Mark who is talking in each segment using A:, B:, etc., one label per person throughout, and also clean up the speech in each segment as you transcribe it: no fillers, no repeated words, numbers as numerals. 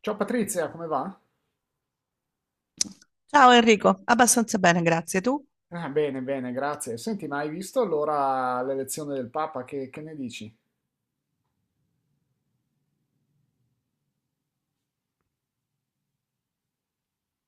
A: Ciao Patrizia, come va?
B: Ciao Enrico, abbastanza bene, grazie. Tu?
A: Ah, bene, bene, grazie. Senti, ma hai visto allora l'elezione del Papa? Che ne dici?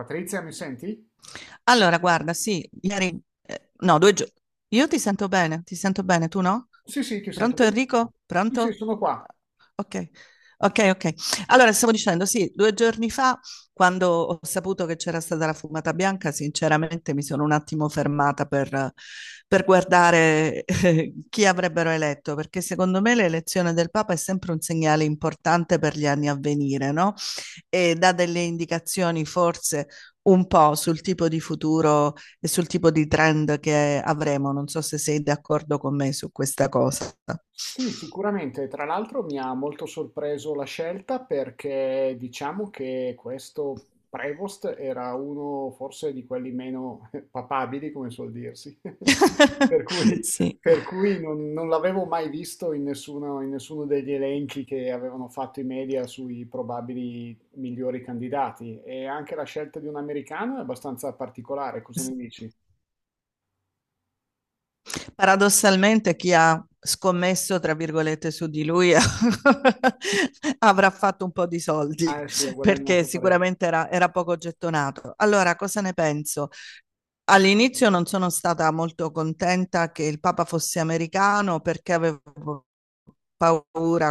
A: Patrizia, mi senti?
B: Allora, guarda, sì, ieri, no, due giorni. Io ti sento bene, tu no?
A: Sì, sì, ti sento
B: Pronto
A: benissimo.
B: Enrico?
A: Sì, sì,
B: Pronto?
A: sono qua.
B: Ok, ok, ok. Allora, stavo dicendo, sì, due giorni fa, quando ho saputo che c'era stata la fumata bianca, sinceramente mi sono un attimo fermata per guardare chi avrebbero eletto, perché secondo me l'elezione del Papa è sempre un segnale importante per gli anni a venire, no? E dà delle indicazioni forse un po' sul tipo di futuro e sul tipo di trend che avremo, non so se sei d'accordo con me su questa cosa.
A: Sì, sicuramente. Tra l'altro mi ha molto sorpreso la scelta perché diciamo che questo Prevost era uno forse di quelli meno papabili, come suol dirsi. Per cui,
B: Sì.
A: per cui non l'avevo mai visto in nessuno degli elenchi che avevano fatto i media sui probabili migliori candidati. E anche la scelta di un americano è abbastanza particolare, cosa ne dici?
B: Paradossalmente chi ha scommesso, tra virgolette, su di lui avrà fatto un po' di soldi
A: Ah, sì, ha
B: perché
A: guadagnato parecchio.
B: sicuramente era poco gettonato. Allora, cosa ne penso? All'inizio non sono stata molto contenta che il Papa fosse americano perché avevo paura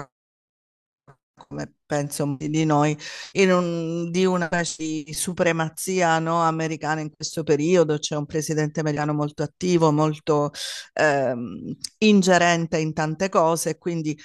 B: come penso molti di noi, di una specie di supremazia, no, americana in questo periodo. C'è un presidente americano molto attivo, molto ingerente in tante cose, e quindi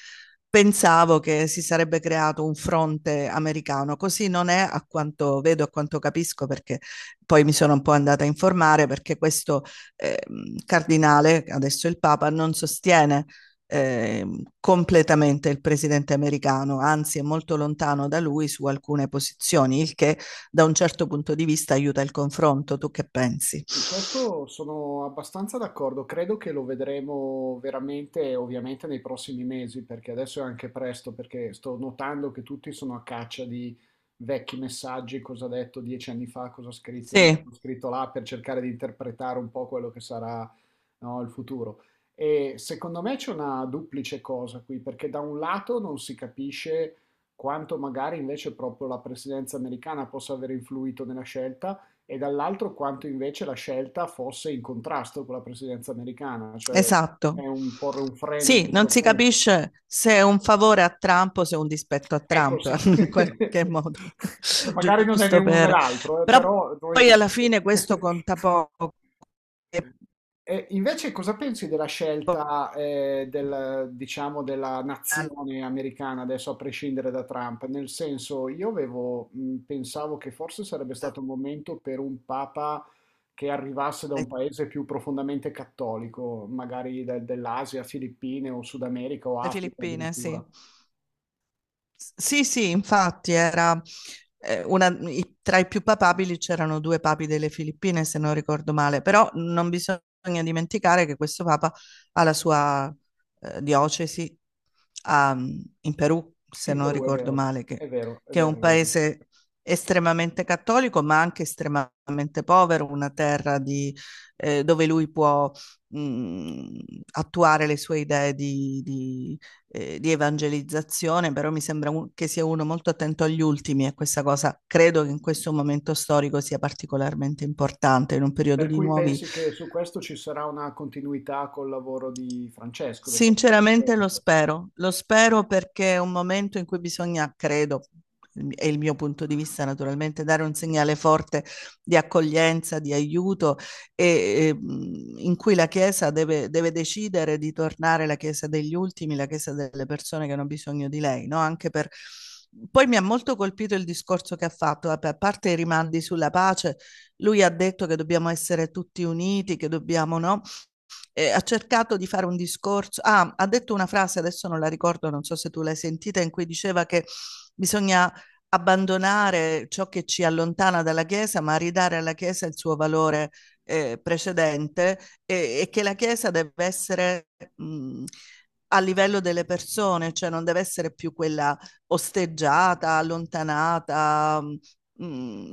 B: pensavo che si sarebbe creato un fronte americano. Così non è, a quanto vedo, a quanto capisco, perché poi mi sono un po' andata a informare, perché questo cardinale, adesso il Papa, non sostiene eh, completamente il presidente americano, anzi è molto lontano da lui su alcune posizioni, il che da un certo punto di vista aiuta il confronto. Tu che pensi?
A: Sì, questo sono abbastanza d'accordo, credo che lo vedremo veramente, ovviamente, nei prossimi mesi, perché adesso è anche presto, perché sto notando che tutti sono a caccia di vecchi messaggi, cosa ha detto 10 anni fa, cosa ha scritto lì,
B: Sì,
A: cosa ha scritto là, per cercare di interpretare un po' quello che sarà, no, il futuro. E secondo me c'è una duplice cosa qui, perché da un lato non si capisce quanto magari invece proprio la presidenza americana possa aver influito nella scelta e dall'altro quanto invece la scelta fosse in contrasto con la presidenza americana, cioè
B: esatto.
A: è un porre un freno in
B: Sì, non
A: questo
B: si
A: senso.
B: capisce se è un favore a Trump o se è un dispetto a
A: Ecco
B: Trump,
A: sì,
B: in qualche modo,
A: magari non è né
B: giusto
A: uno né
B: per.
A: l'altro,
B: Però
A: però noi...
B: poi alla fine questo conta poco.
A: E invece cosa pensi della scelta, del, diciamo, della
B: Le
A: nazione americana adesso a prescindere da Trump? Nel senso, io avevo, pensavo che forse sarebbe stato un momento per un papa che arrivasse da un paese più profondamente cattolico, magari dell'Asia, Filippine o Sud America o Africa
B: Filippine, sì.
A: addirittura.
B: Sì, sì, infatti era tra i più papabili c'erano due papi delle Filippine, se non ricordo male, però non bisogna dimenticare che questo papa ha la sua diocesi a- in Perù, se
A: In
B: non
A: Perù, è
B: ricordo
A: vero,
B: male, che,
A: è vero, è
B: che è
A: vero,
B: un
A: è vero.
B: paese estremamente cattolico, ma anche estremamente povero, una terra di, dove lui può mh, attuare le sue idee di evangelizzazione, però mi sembra che sia uno molto attento agli ultimi e questa cosa credo che in questo momento storico sia particolarmente importante, in un periodo
A: Per
B: di
A: cui
B: nuovi.
A: pensi che su questo ci sarà una continuità col lavoro di Francesco, del Papa
B: Sinceramente
A: Francesco?
B: lo spero perché è un momento in cui bisogna, credo, è il mio punto di vista naturalmente, dare un segnale forte di accoglienza, di aiuto e, in cui la Chiesa deve decidere di tornare la Chiesa degli ultimi, la Chiesa delle persone che hanno bisogno di lei, no? Anche per. Poi mi ha molto colpito il discorso che ha fatto, vabbè, a parte i rimandi sulla pace, lui ha detto che dobbiamo essere tutti uniti, che dobbiamo, no? Ha cercato di fare un discorso, ah, ha detto una frase, adesso non la ricordo, non so se tu l'hai sentita, in cui diceva che bisogna abbandonare ciò che ci allontana dalla Chiesa, ma ridare alla Chiesa il suo valore precedente e, che la Chiesa deve essere mh, a livello delle persone, cioè non deve essere più quella osteggiata, allontanata,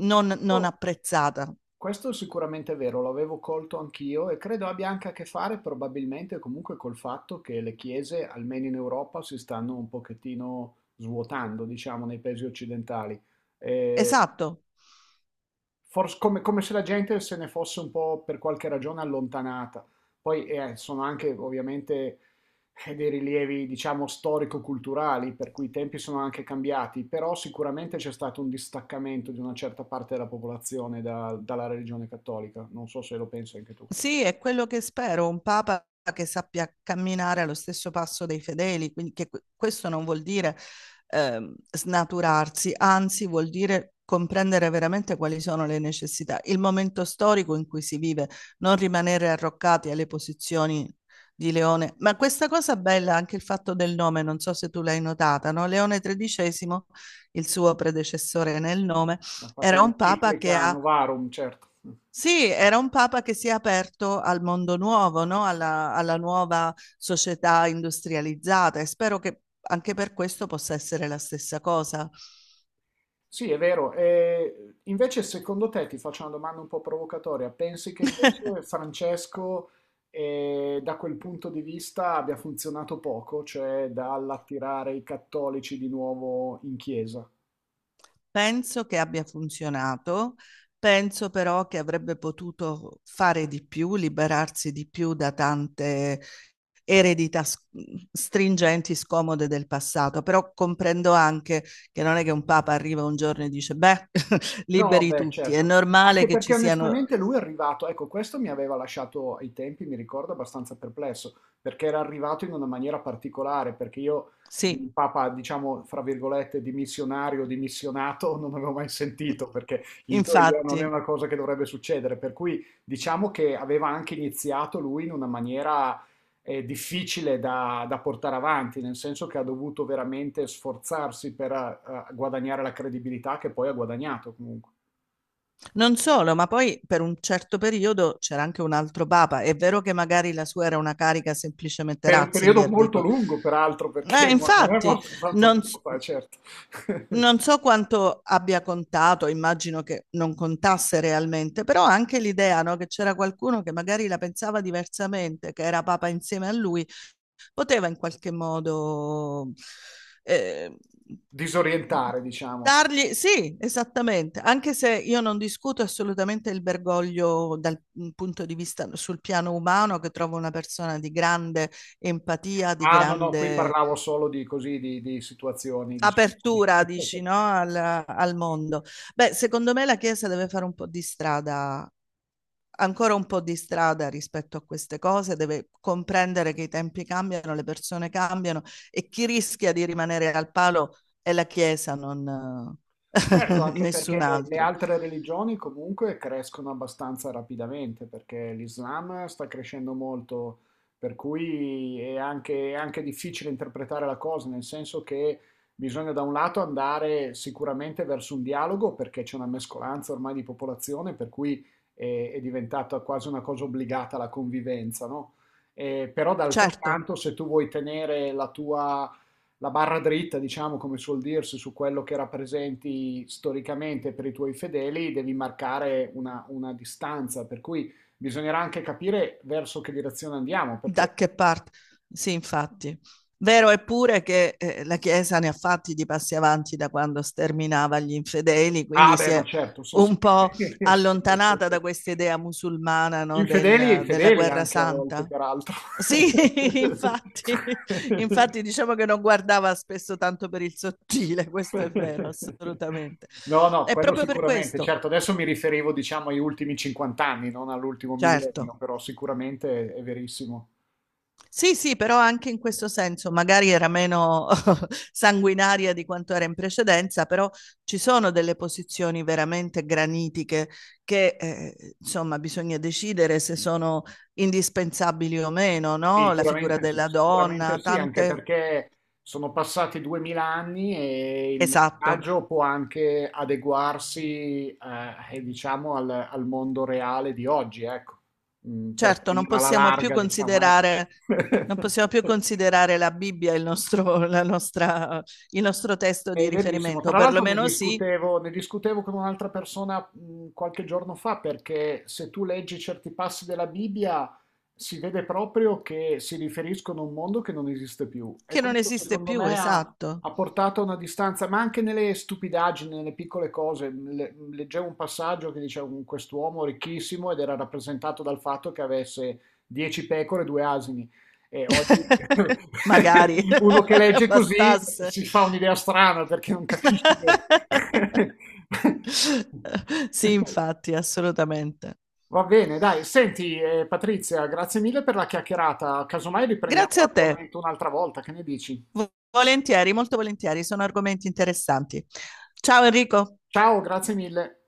B: non
A: Oh,
B: apprezzata.
A: questo sicuramente è sicuramente vero, lo avevo colto anch'io e credo abbia anche a che fare probabilmente comunque col fatto che le chiese, almeno in Europa, si stanno un pochettino svuotando, diciamo, nei paesi occidentali. Eh,
B: Esatto.
A: Forse come se la gente se ne fosse un po' per qualche ragione allontanata. Poi sono anche ovviamente dei rilievi, diciamo, storico-culturali, per cui i tempi sono anche cambiati, però sicuramente c'è stato un distaccamento di una certa parte della popolazione dalla religione cattolica. Non so se lo pensi anche tu.
B: Sì, è quello che spero, un papa che sappia camminare allo stesso passo dei fedeli, quindi che questo non vuol dire snaturarsi, anzi vuol dire comprendere veramente quali sono le necessità, il momento storico in cui si vive, non rimanere arroccati alle posizioni di Leone. Ma questa cosa bella, anche il fatto del nome, non so se tu l'hai notata, no? Leone XIII, il suo predecessore nel nome,
A: Ha fatto
B: era un papa che
A: l'enciclica
B: ha,
A: Novarum, certo.
B: sì, era un papa che si è aperto al mondo nuovo, no? Alla nuova società industrializzata e spero che anche per questo possa essere la stessa cosa.
A: Sì, è vero. E invece, secondo te, ti faccio una domanda un po' provocatoria, pensi che invece Francesco, da quel punto di vista, abbia funzionato poco, cioè dall'attirare i cattolici di nuovo in chiesa?
B: Penso che abbia funzionato, penso però che avrebbe potuto fare di più, liberarsi di più da tante eredità stringenti, scomode del passato, però comprendo anche che non è che un papa arriva un giorno e dice, beh,
A: No,
B: liberi
A: beh,
B: tutti, è
A: certo.
B: normale
A: Anche
B: che ci
A: perché
B: siano.
A: onestamente lui è arrivato, ecco, questo mi aveva lasciato ai tempi, mi ricordo, abbastanza perplesso, perché era arrivato in una maniera particolare, perché io
B: Sì.
A: il Papa, diciamo, fra virgolette, di missionario, di missionato, non avevo mai sentito, perché in teoria non è
B: Infatti,
A: una cosa che dovrebbe succedere, per cui diciamo che aveva anche iniziato lui in una maniera difficile da portare avanti, nel senso che ha dovuto veramente sforzarsi per guadagnare la credibilità che poi ha guadagnato comunque.
B: non solo, ma poi per un certo periodo c'era anche un altro papa. È vero che magari la sua era una carica semplicemente
A: Per un periodo
B: Ratzinger,
A: molto
B: dico.
A: lungo, peraltro, perché non è
B: Infatti,
A: morto tanto
B: non,
A: tempo
B: s-
A: fa, certo.
B: non so quanto abbia contato, immagino che non contasse realmente, però anche l'idea, no, che c'era qualcuno che magari la pensava diversamente, che era papa insieme a lui, poteva in qualche modo eh,
A: Disorientare, diciamo. Sì.
B: dargli, sì, esattamente, anche se io non discuto assolutamente il Bergoglio dal punto di vista sul piano umano, che trovo una persona di grande empatia, di
A: Ah, no, no, qui
B: grande
A: parlavo solo di così, di situazioni, diciamo.
B: apertura, dici, no? al mondo. Beh, secondo me la Chiesa deve fare un po' di strada ancora un po' di strada rispetto a queste cose, deve comprendere che i tempi cambiano, le persone cambiano e chi rischia di rimanere al palo è la Chiesa, non
A: Certo, anche
B: nessun
A: perché le
B: altro.
A: altre religioni comunque crescono abbastanza rapidamente, perché l'Islam sta crescendo molto, per cui è anche difficile interpretare la cosa, nel senso che bisogna da un lato andare sicuramente verso un dialogo, perché c'è una mescolanza ormai di popolazione, per cui è diventata quasi una cosa obbligata la convivenza, no? Però d'altro
B: Certo,
A: canto, se tu vuoi tenere la tua la barra dritta, diciamo come suol dirsi, su quello che rappresenti storicamente per i tuoi fedeli, devi marcare una distanza, per cui bisognerà anche capire verso che direzione andiamo, perché...
B: da che parte? Sì, infatti. Vero è pure che la Chiesa ne ha fatti di passi avanti da quando sterminava gli infedeli,
A: Ah
B: quindi si
A: beh, ma
B: è
A: certo, sì, sì.
B: un po' allontanata da questa idea musulmana no,
A: Infedeli e
B: della
A: infedeli
B: guerra
A: anche a volte,
B: santa,
A: peraltro.
B: sì, infatti, infatti diciamo che non guardava spesso tanto per il sottile, questo è vero, assolutamente.
A: No, no,
B: È
A: quello
B: proprio per
A: sicuramente.
B: questo,
A: Certo, adesso mi riferivo, diciamo, agli ultimi 50 anni, non all'ultimo millennio,
B: certo.
A: però sicuramente è verissimo.
B: Sì, sì, però anche in questo senso, magari era meno sanguinaria di quanto era in precedenza, però ci sono delle posizioni veramente granitiche che, insomma, bisogna decidere se sono indispensabili o meno, no? La figura della
A: Sicuramente
B: donna,
A: sì, anche
B: tante.
A: perché sono passati 2000 anni e il
B: Esatto.
A: messaggio può anche adeguarsi, e diciamo, al, al mondo reale di oggi, ecco, per
B: Certo, non
A: prendere alla
B: possiamo più
A: larga, diciamo, ecco.
B: considerare, non possiamo più considerare la Bibbia il nostro testo
A: È
B: di
A: verissimo.
B: riferimento, o
A: Tra l'altro ne
B: perlomeno sì,
A: discutevo, ne discutevo con un'altra persona qualche giorno fa perché se tu leggi certi passi della Bibbia si vede proprio che si riferiscono a un mondo che non esiste più. E
B: che non
A: questo
B: esiste
A: secondo
B: più,
A: me ha,
B: esatto.
A: ha portato a una distanza, ma anche nelle stupidaggini, nelle piccole cose. Leggevo un passaggio che diceva quest'uomo ricchissimo ed era rappresentato dal fatto che avesse 10 pecore e due asini. E oggi
B: Magari
A: uno che legge così
B: bastasse.
A: si fa un'idea strana perché non capisci che...
B: Sì, infatti, assolutamente.
A: Va bene, dai, senti Patrizia, grazie mille per la chiacchierata. Casomai riprendiamo
B: Grazie a te.
A: l'argomento un'altra volta, che ne dici?
B: Volentieri, molto volentieri, sono argomenti interessanti. Ciao Enrico.
A: Ciao, grazie mille.